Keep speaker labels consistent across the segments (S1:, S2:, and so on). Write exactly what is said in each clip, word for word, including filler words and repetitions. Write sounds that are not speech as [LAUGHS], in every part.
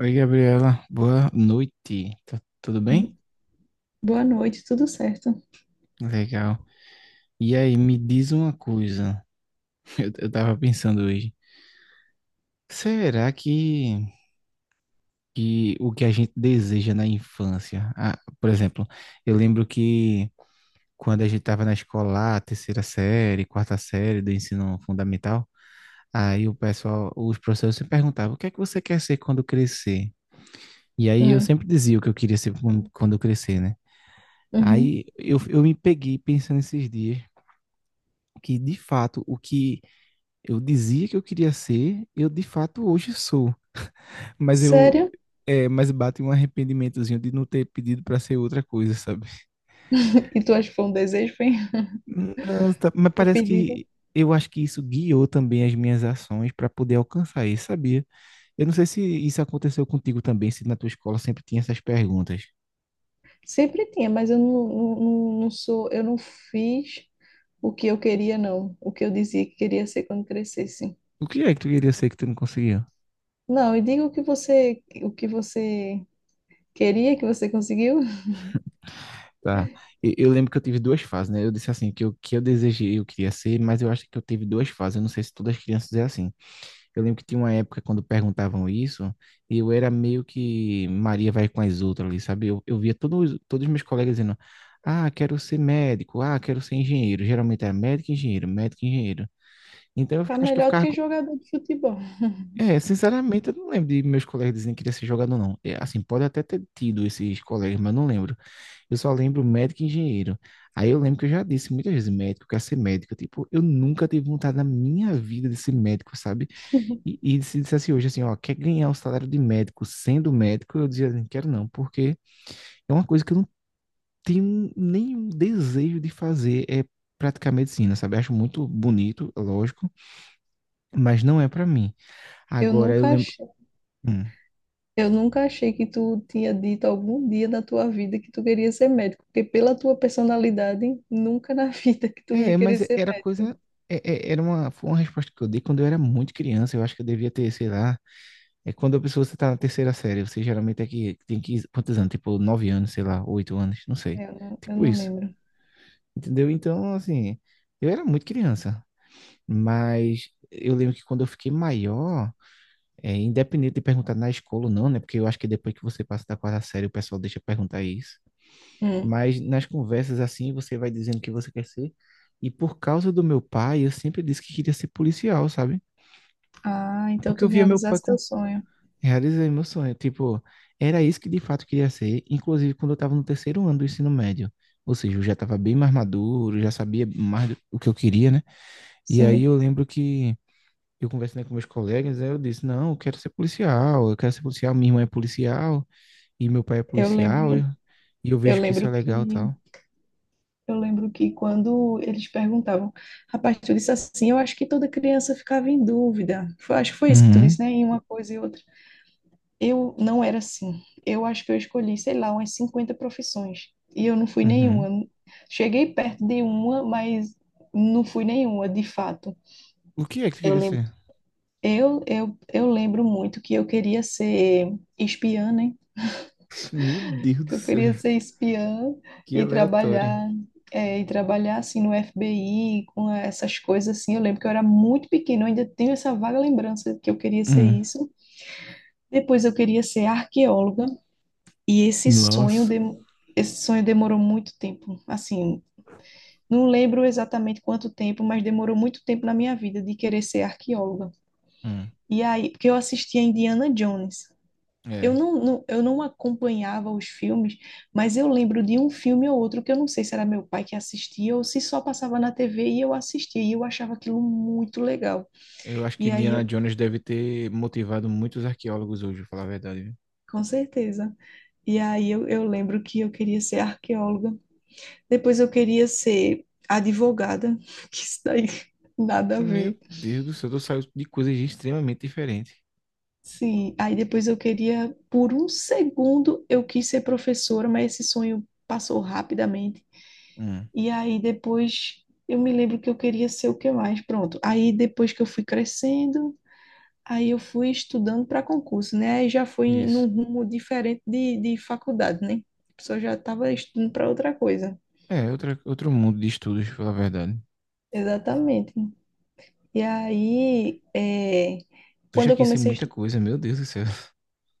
S1: Oi, Gabriela. Boa noite. Tá tudo bem?
S2: Boa noite, tudo certo?
S1: Legal. E aí, me diz uma coisa. [LAUGHS] Eu, eu tava pensando hoje. Será que, que o que a gente deseja na infância? Ah, por exemplo, eu lembro que quando a gente tava na escola, lá, terceira série, quarta série do ensino fundamental, aí o pessoal, os professores se perguntavam: o que é que você quer ser quando crescer? E aí eu
S2: Hum,
S1: sempre dizia o que eu queria ser quando quando eu crescer, né?
S2: uhum.
S1: Aí eu, eu me peguei pensando esses dias, que de fato o que eu dizia que eu queria ser, eu de fato hoje sou. Mas eu
S2: Sério?
S1: é, mas bate um arrependimentozinho de não ter pedido para ser outra coisa, sabe?
S2: [LAUGHS] E tu acha que foi um desejo, foi? [LAUGHS]
S1: Não, tá- mas
S2: O
S1: parece
S2: pedido?
S1: que eu acho que isso guiou também as minhas ações para poder alcançar isso, sabia? Eu não sei se isso aconteceu contigo também, se na tua escola sempre tinha essas perguntas.
S2: Sempre tinha, mas eu não, não, não não sou, eu não fiz o que eu queria, não. O que eu dizia que queria ser quando crescesse.
S1: O que é que tu queria ser que tu não conseguiu?
S2: Não, e diga o que você, o que você queria, que você conseguiu. [LAUGHS]
S1: Tá. E- Eu lembro que eu tive duas fases, né? Eu disse assim, que o que eu desejei eu queria ser, mas eu acho que eu tive duas fases. Eu não sei se todas as crianças é assim. Eu lembro que tinha uma época quando perguntavam isso, e eu era meio que Maria vai com as outras ali, sabe? Eu, eu via todos, todos os meus colegas dizendo, ah, quero ser médico, ah, quero ser engenheiro. Geralmente era médico, e engenheiro, médico, e engenheiro. Então eu
S2: Tá
S1: fica- acho que eu
S2: melhor do
S1: ficava
S2: que
S1: com-
S2: jogador de futebol.
S1: É, sinceramente, eu não lembro de meus colegas dizendo que queria ser jogador, não. É, assim, pode até ter tido esses colegas, mas não lembro. Eu só lembro médico e engenheiro. Aí eu lembro que eu já disse muitas vezes médico, eu quero ser médico. Tipo, eu nunca tive vontade na minha vida de ser médico, sabe? E, e se dissesse hoje assim, ó, quer ganhar o salário de médico sendo médico, eu dizia, não quero não, porque é uma coisa que eu não tenho nenhum desejo de fazer, é praticar medicina, sabe? Acho muito bonito, lógico, mas não é pra mim.
S2: Eu
S1: Agora eu
S2: nunca
S1: lembro.
S2: achei.
S1: Hum.
S2: Eu nunca achei que tu tinha dito algum dia da tua vida que tu queria ser médico, porque pela tua personalidade, nunca na [LAUGHS] vida que tu ia
S1: É,
S2: querer
S1: mas
S2: ser
S1: era coisa.
S2: médico.
S1: é- é- era uma, foi uma resposta que eu dei quando eu era muito criança. Eu acho que eu devia ter, sei lá. É quando a pessoa você tá na terceira série, você geralmente é que tem que. Quantos anos? Tipo, nove anos, sei lá, oito anos, não sei.
S2: Eu não, eu
S1: Tipo
S2: não
S1: isso.
S2: lembro.
S1: Entendeu? Então, assim, eu era muito criança, mas eu lembro que quando eu fiquei maior, é, independente de perguntar na escola ou não, né? Porque eu acho que depois que você passa da quarta série, o pessoal deixa perguntar isso.
S2: Hum.
S1: Mas nas conversas assim, você vai dizendo o que você quer ser. E por causa do meu pai, eu sempre disse que queria ser policial, sabe?
S2: Ah, então
S1: Porque
S2: tu
S1: eu via meu pai
S2: realizaste
S1: com...
S2: teu sonho.
S1: realizei meu sonho. Tipo, era isso que de fato queria ser. Inclusive, quando eu estava no terceiro ano do ensino médio. Ou seja, eu já estava bem mais maduro, já sabia mais do- o que eu queria, né? E aí
S2: Sim,
S1: eu lembro que eu conversando com meus colegas, aí eu disse, não, eu quero ser policial, eu quero ser policial, minha irmã é policial e meu pai é
S2: eu
S1: policial, e
S2: lembro.
S1: e eu
S2: Eu
S1: vejo que isso é
S2: lembro que
S1: legal e tal.
S2: eu lembro que quando eles perguntavam, rapaz, tu disse assim, eu acho que toda criança ficava em dúvida. Foi- acho que foi isso que tu
S1: Uhum,
S2: disse, né? Em uma coisa e outra. Eu não era assim. Eu acho que eu escolhi, sei lá, umas cinquenta profissões. E eu não fui
S1: uhum.
S2: nenhuma. Cheguei perto de uma, mas não fui nenhuma, de fato.
S1: O que é que tu
S2: Eu
S1: queria
S2: lembro,
S1: ser?
S2: eu, eu, eu lembro muito que eu queria ser espiã, né?
S1: Meu Deus do
S2: Que eu queria
S1: céu,
S2: ser espiã
S1: que
S2: e
S1: aleatória.
S2: trabalhar, é, e trabalhar assim no F B I, com essas coisas assim. Eu lembro que eu era muito pequena, eu ainda tenho essa vaga lembrança que eu queria ser
S1: Hum.
S2: isso. Depois eu queria ser arqueóloga. E esse sonho,
S1: Nossa.
S2: dem- esse sonho demorou muito tempo. Assim, não lembro exatamente quanto tempo, mas demorou muito tempo na minha vida de querer ser arqueóloga.
S1: Hum.
S2: E aí, porque eu assistia Indiana Jones. Eu
S1: É,
S2: não, não- eu não acompanhava os filmes, mas eu lembro de um filme ou outro que eu não sei se era meu pai que assistia ou se só passava na T V e eu assistia e eu achava aquilo muito legal.
S1: eu acho que
S2: E aí,
S1: Indiana
S2: eu-
S1: Jones deve ter motivado muitos arqueólogos hoje, pra falar a verdade, viu?
S2: com certeza. E aí eu, eu lembro que eu queria ser arqueóloga. Depois eu queria ser advogada, [LAUGHS] que isso daí nada a ver.
S1: Meu Deus do céu, eu saio de coisas extremamente diferentes.
S2: Sim, aí depois eu queria, por um segundo, eu quis ser professora, mas esse sonho passou rapidamente.
S1: Hum,
S2: E aí depois eu me lembro que eu queria ser o que mais, pronto. Aí depois que eu fui crescendo, aí eu fui estudando para concurso, né? Aí já foi em- num
S1: isso.
S2: rumo diferente de, de faculdade, né? A pessoa já estava estudando para outra coisa.
S1: É, outra, outro mundo de estudos, pela verdade.
S2: Exatamente. E aí, é,
S1: Tu
S2: quando
S1: já
S2: eu
S1: quis ser
S2: comecei a
S1: muita coisa, meu Deus do céu.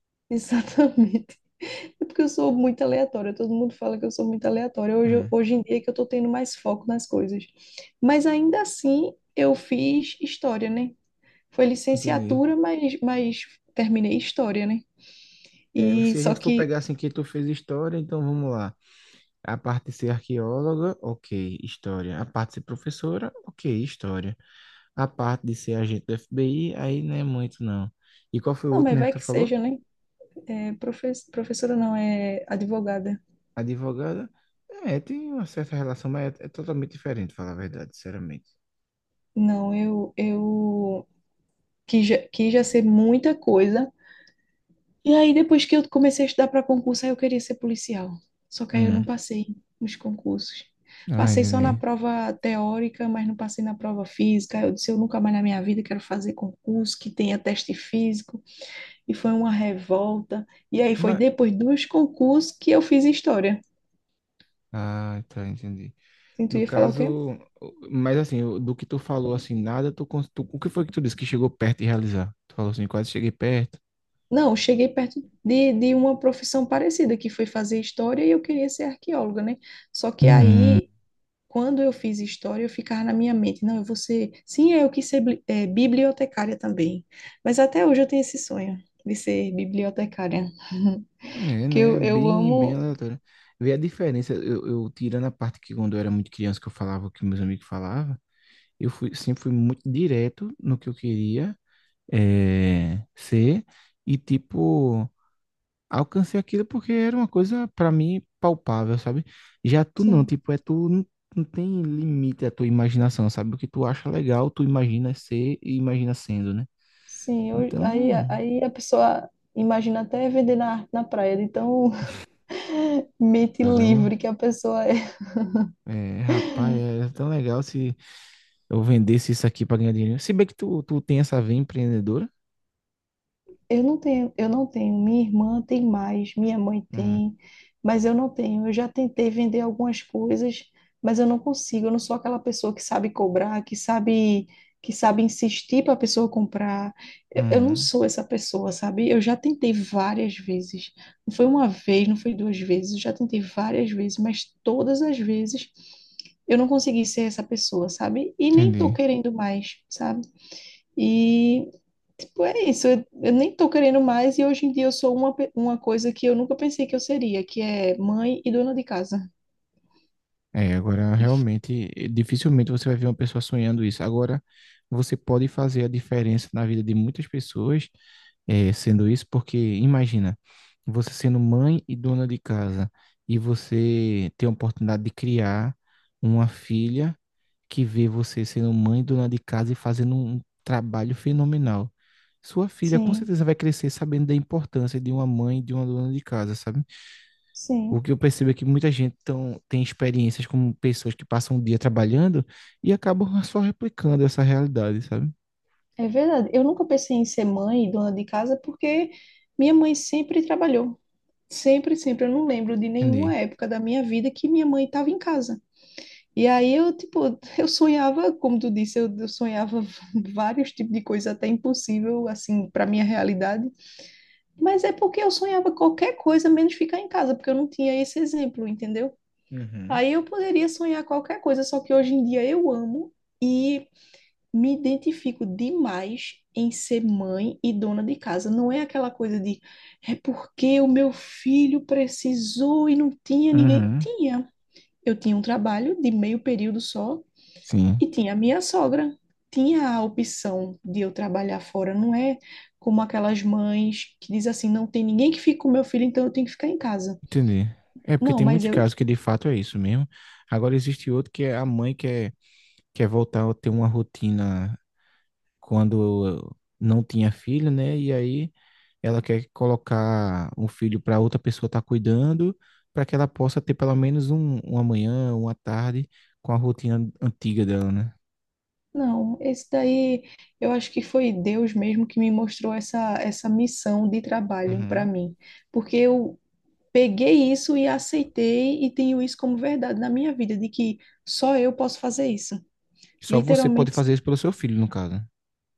S2: [LAUGHS] exatamente. É porque eu sou muito aleatória, todo mundo fala que eu sou muito aleatória. Hoje, eu-
S1: Hum,
S2: hoje em dia é que eu tô tendo mais foco nas coisas. Mas ainda assim, eu fiz história, né? Foi
S1: entendi.
S2: licenciatura, mas, mas terminei história, né?
S1: É,
S2: E
S1: se a
S2: só
S1: gente for
S2: que,
S1: pegar assim que tu fez história, então vamos lá. A parte de ser arqueóloga, ok, história. A parte de ser professora, ok, história. A parte de ser agente do F B I, aí não é muito não. E qual foi o
S2: não,
S1: outro
S2: mas
S1: mesmo
S2: vai
S1: que tu
S2: que
S1: falou?
S2: seja, né? É, profe- professora não, é advogada.
S1: Advogada? É, tem uma certa relação, mas é, é totalmente diferente, falar a verdade, sinceramente.
S2: Não, eu, eu quis, já- quis já ser muita coisa. E aí, depois que eu comecei a estudar para concurso, aí eu queria ser policial. Só que aí eu não
S1: Hum,
S2: passei nos concursos.
S1: ah,
S2: Passei só na
S1: entendi.
S2: prova teórica, mas não passei na prova física. Eu disse, eu nunca mais na minha vida quero fazer concurso que tenha teste físico. E foi uma revolta. E aí foi
S1: Mas,
S2: depois dos concursos que eu fiz história.
S1: ah, tá, entendi.
S2: Sim, tu
S1: No
S2: ia falar o quê?
S1: caso, mas assim, o- do que tu falou, assim, nada, tu, cons- tu, o que foi que tu disse que chegou perto de realizar? Tu falou assim, quase cheguei perto.
S2: Não, eu cheguei perto de, de uma profissão parecida, que foi fazer história e eu queria ser arqueóloga, né? Só que
S1: Hum.
S2: aí quando eu fiz história, eu ficava na minha mente, não, eu vou ser, sim, é eu quis ser bli- eh, bibliotecária também, mas até hoje eu tenho esse sonho de ser bibliotecária,
S1: É,
S2: porque eu,
S1: né?
S2: eu
S1: Bem, bem
S2: amo,
S1: aleatório. Vê a diferença, eu, eu tirando a parte que quando eu era muito criança que eu falava o que meus amigos falavam, eu fui, sempre fui muito direto no que eu queria é, ser e tipo, alcancei aquilo porque era uma coisa pra mim palpável, sabe? Já tu não,
S2: sim,
S1: tipo, é tu não, não tem limite à tua imaginação, sabe? O que tu acha legal, tu imagina ser e imagina sendo, né?
S2: sim, eu- aí,
S1: Então,
S2: aí a pessoa imagina até vender na, na praia, de tão [LAUGHS] mente
S1: caramba.
S2: livre que a pessoa é.
S1: É, rapaz, era tão legal se eu vendesse isso aqui pra ganhar dinheiro. Se bem que tu, tu tem essa veia empreendedora.
S2: Eu não tenho, eu não tenho. Minha irmã tem mais, minha mãe
S1: Hum,
S2: tem, mas eu não tenho. Eu já tentei vender algumas coisas, mas eu não consigo. Eu não sou aquela pessoa que sabe cobrar, que sabe, que sabe insistir para a pessoa comprar. Eu, eu não
S1: hum,
S2: sou essa pessoa, sabe? Eu já tentei várias vezes. Não foi uma vez, não foi duas vezes. Eu já tentei várias vezes, mas todas as vezes eu não consegui ser essa pessoa, sabe? E nem tô
S1: entendi.
S2: querendo mais, sabe? E tipo, é isso, eu, eu nem tô querendo mais e hoje em dia eu sou uma, pe- uma coisa que eu nunca pensei que eu seria, que é mãe e dona de casa.
S1: É, agora realmente eh, dificilmente você vai ver uma pessoa sonhando isso. Agora você pode fazer a diferença na vida de muitas pessoas eh, sendo isso, porque imagina você sendo mãe e dona de casa e você ter a oportunidade de criar uma filha que vê você sendo mãe e dona de casa e fazendo um trabalho fenomenal. Sua filha com
S2: Sim,
S1: certeza vai crescer sabendo da importância de uma mãe e de uma dona de casa, sabe? O
S2: sim,
S1: que eu percebo é que muita gente tão, tem experiências como pessoas que passam um dia trabalhando e acabam só replicando essa realidade, sabe?
S2: é verdade. Eu nunca pensei em ser mãe e dona de casa porque minha mãe sempre trabalhou. Sempre, sempre. Eu não lembro de
S1: Entendi.
S2: nenhuma época da minha vida que minha mãe estava em casa. E aí eu, tipo, [LAUGHS] eu sonhava, como tu disse, eu, eu sonhava [LAUGHS] vários tipos de coisa até impossível, assim, para minha realidade. Mas é porque eu sonhava qualquer coisa menos ficar em casa, porque eu não tinha esse exemplo, entendeu?
S1: Uhum.
S2: Aí eu poderia sonhar qualquer coisa, só que hoje em dia eu amo e me identifico demais em ser mãe e dona de casa. Não é aquela coisa de é porque o meu filho precisou e não tinha ninguém.
S1: Uhum,
S2: Tinha. Eu tinha um trabalho de meio período só,
S1: sim,
S2: e tinha a minha sogra, tinha a opção de eu trabalhar fora, não é como aquelas mães que dizem assim, não tem ninguém que fique com meu filho, então eu tenho que ficar em casa.
S1: entendi. É porque
S2: Não,
S1: tem
S2: mas
S1: muitos
S2: eu,
S1: casos que de fato é isso mesmo. Agora existe outro que é a mãe quer, quer voltar a ter uma rotina quando eu não tinha filho, né? E aí ela quer colocar um filho para outra pessoa estar cuidando, para que ela possa ter pelo menos um, uma manhã, uma tarde com a rotina antiga dela, né?
S2: não, esse daí, eu acho que foi Deus mesmo que me mostrou essa, essa missão de trabalho para
S1: Uhum.
S2: mim, porque eu peguei isso e aceitei e tenho isso como verdade na minha vida, de que só eu posso fazer isso.
S1: Só você pode
S2: Literalmente
S1: fazer isso pelo seu filho, no caso,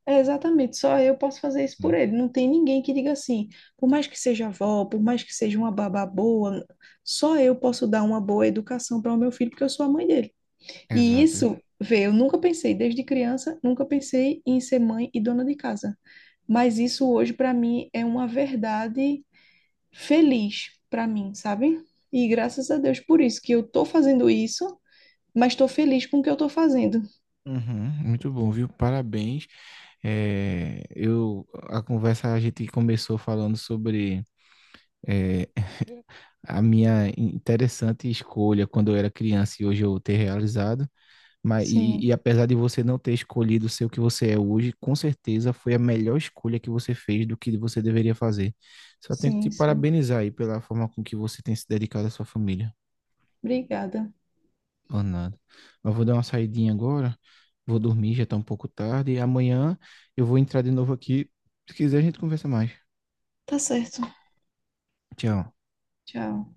S2: é, exatamente, só eu posso fazer isso por
S1: né?
S2: ele. Não tem ninguém que diga assim, por mais que seja avó, por mais que seja uma babá boa, só eu posso dar uma boa educação para o meu filho, porque eu sou a mãe dele. E
S1: Exato.
S2: isso, vê, eu nunca pensei, desde criança, nunca pensei em ser mãe e dona de casa. Mas isso hoje, para mim, é uma verdade feliz para mim, sabe? E graças a Deus por isso, que eu tô fazendo isso, mas estou feliz com o que eu tô fazendo.
S1: Uhum, muito bom, viu? Parabéns. É, eu, a conversa a gente começou falando sobre é, a minha interessante escolha quando eu era criança e hoje eu ter realizado. Mas, e,
S2: Sim,
S1: e apesar de você não ter escolhido ser o que você é hoje, com certeza foi a melhor escolha que você fez do que você deveria fazer. Só tenho que te
S2: sim, sim.
S1: parabenizar aí pela forma com que você tem se dedicado à sua família.
S2: Obrigada.
S1: Por nada. Mas vou dar uma saidinha agora, vou dormir, já tá um pouco tarde. E amanhã eu vou entrar de novo aqui. Se quiser, a gente conversa mais.
S2: Tá certo.
S1: Tchau.
S2: Tchau.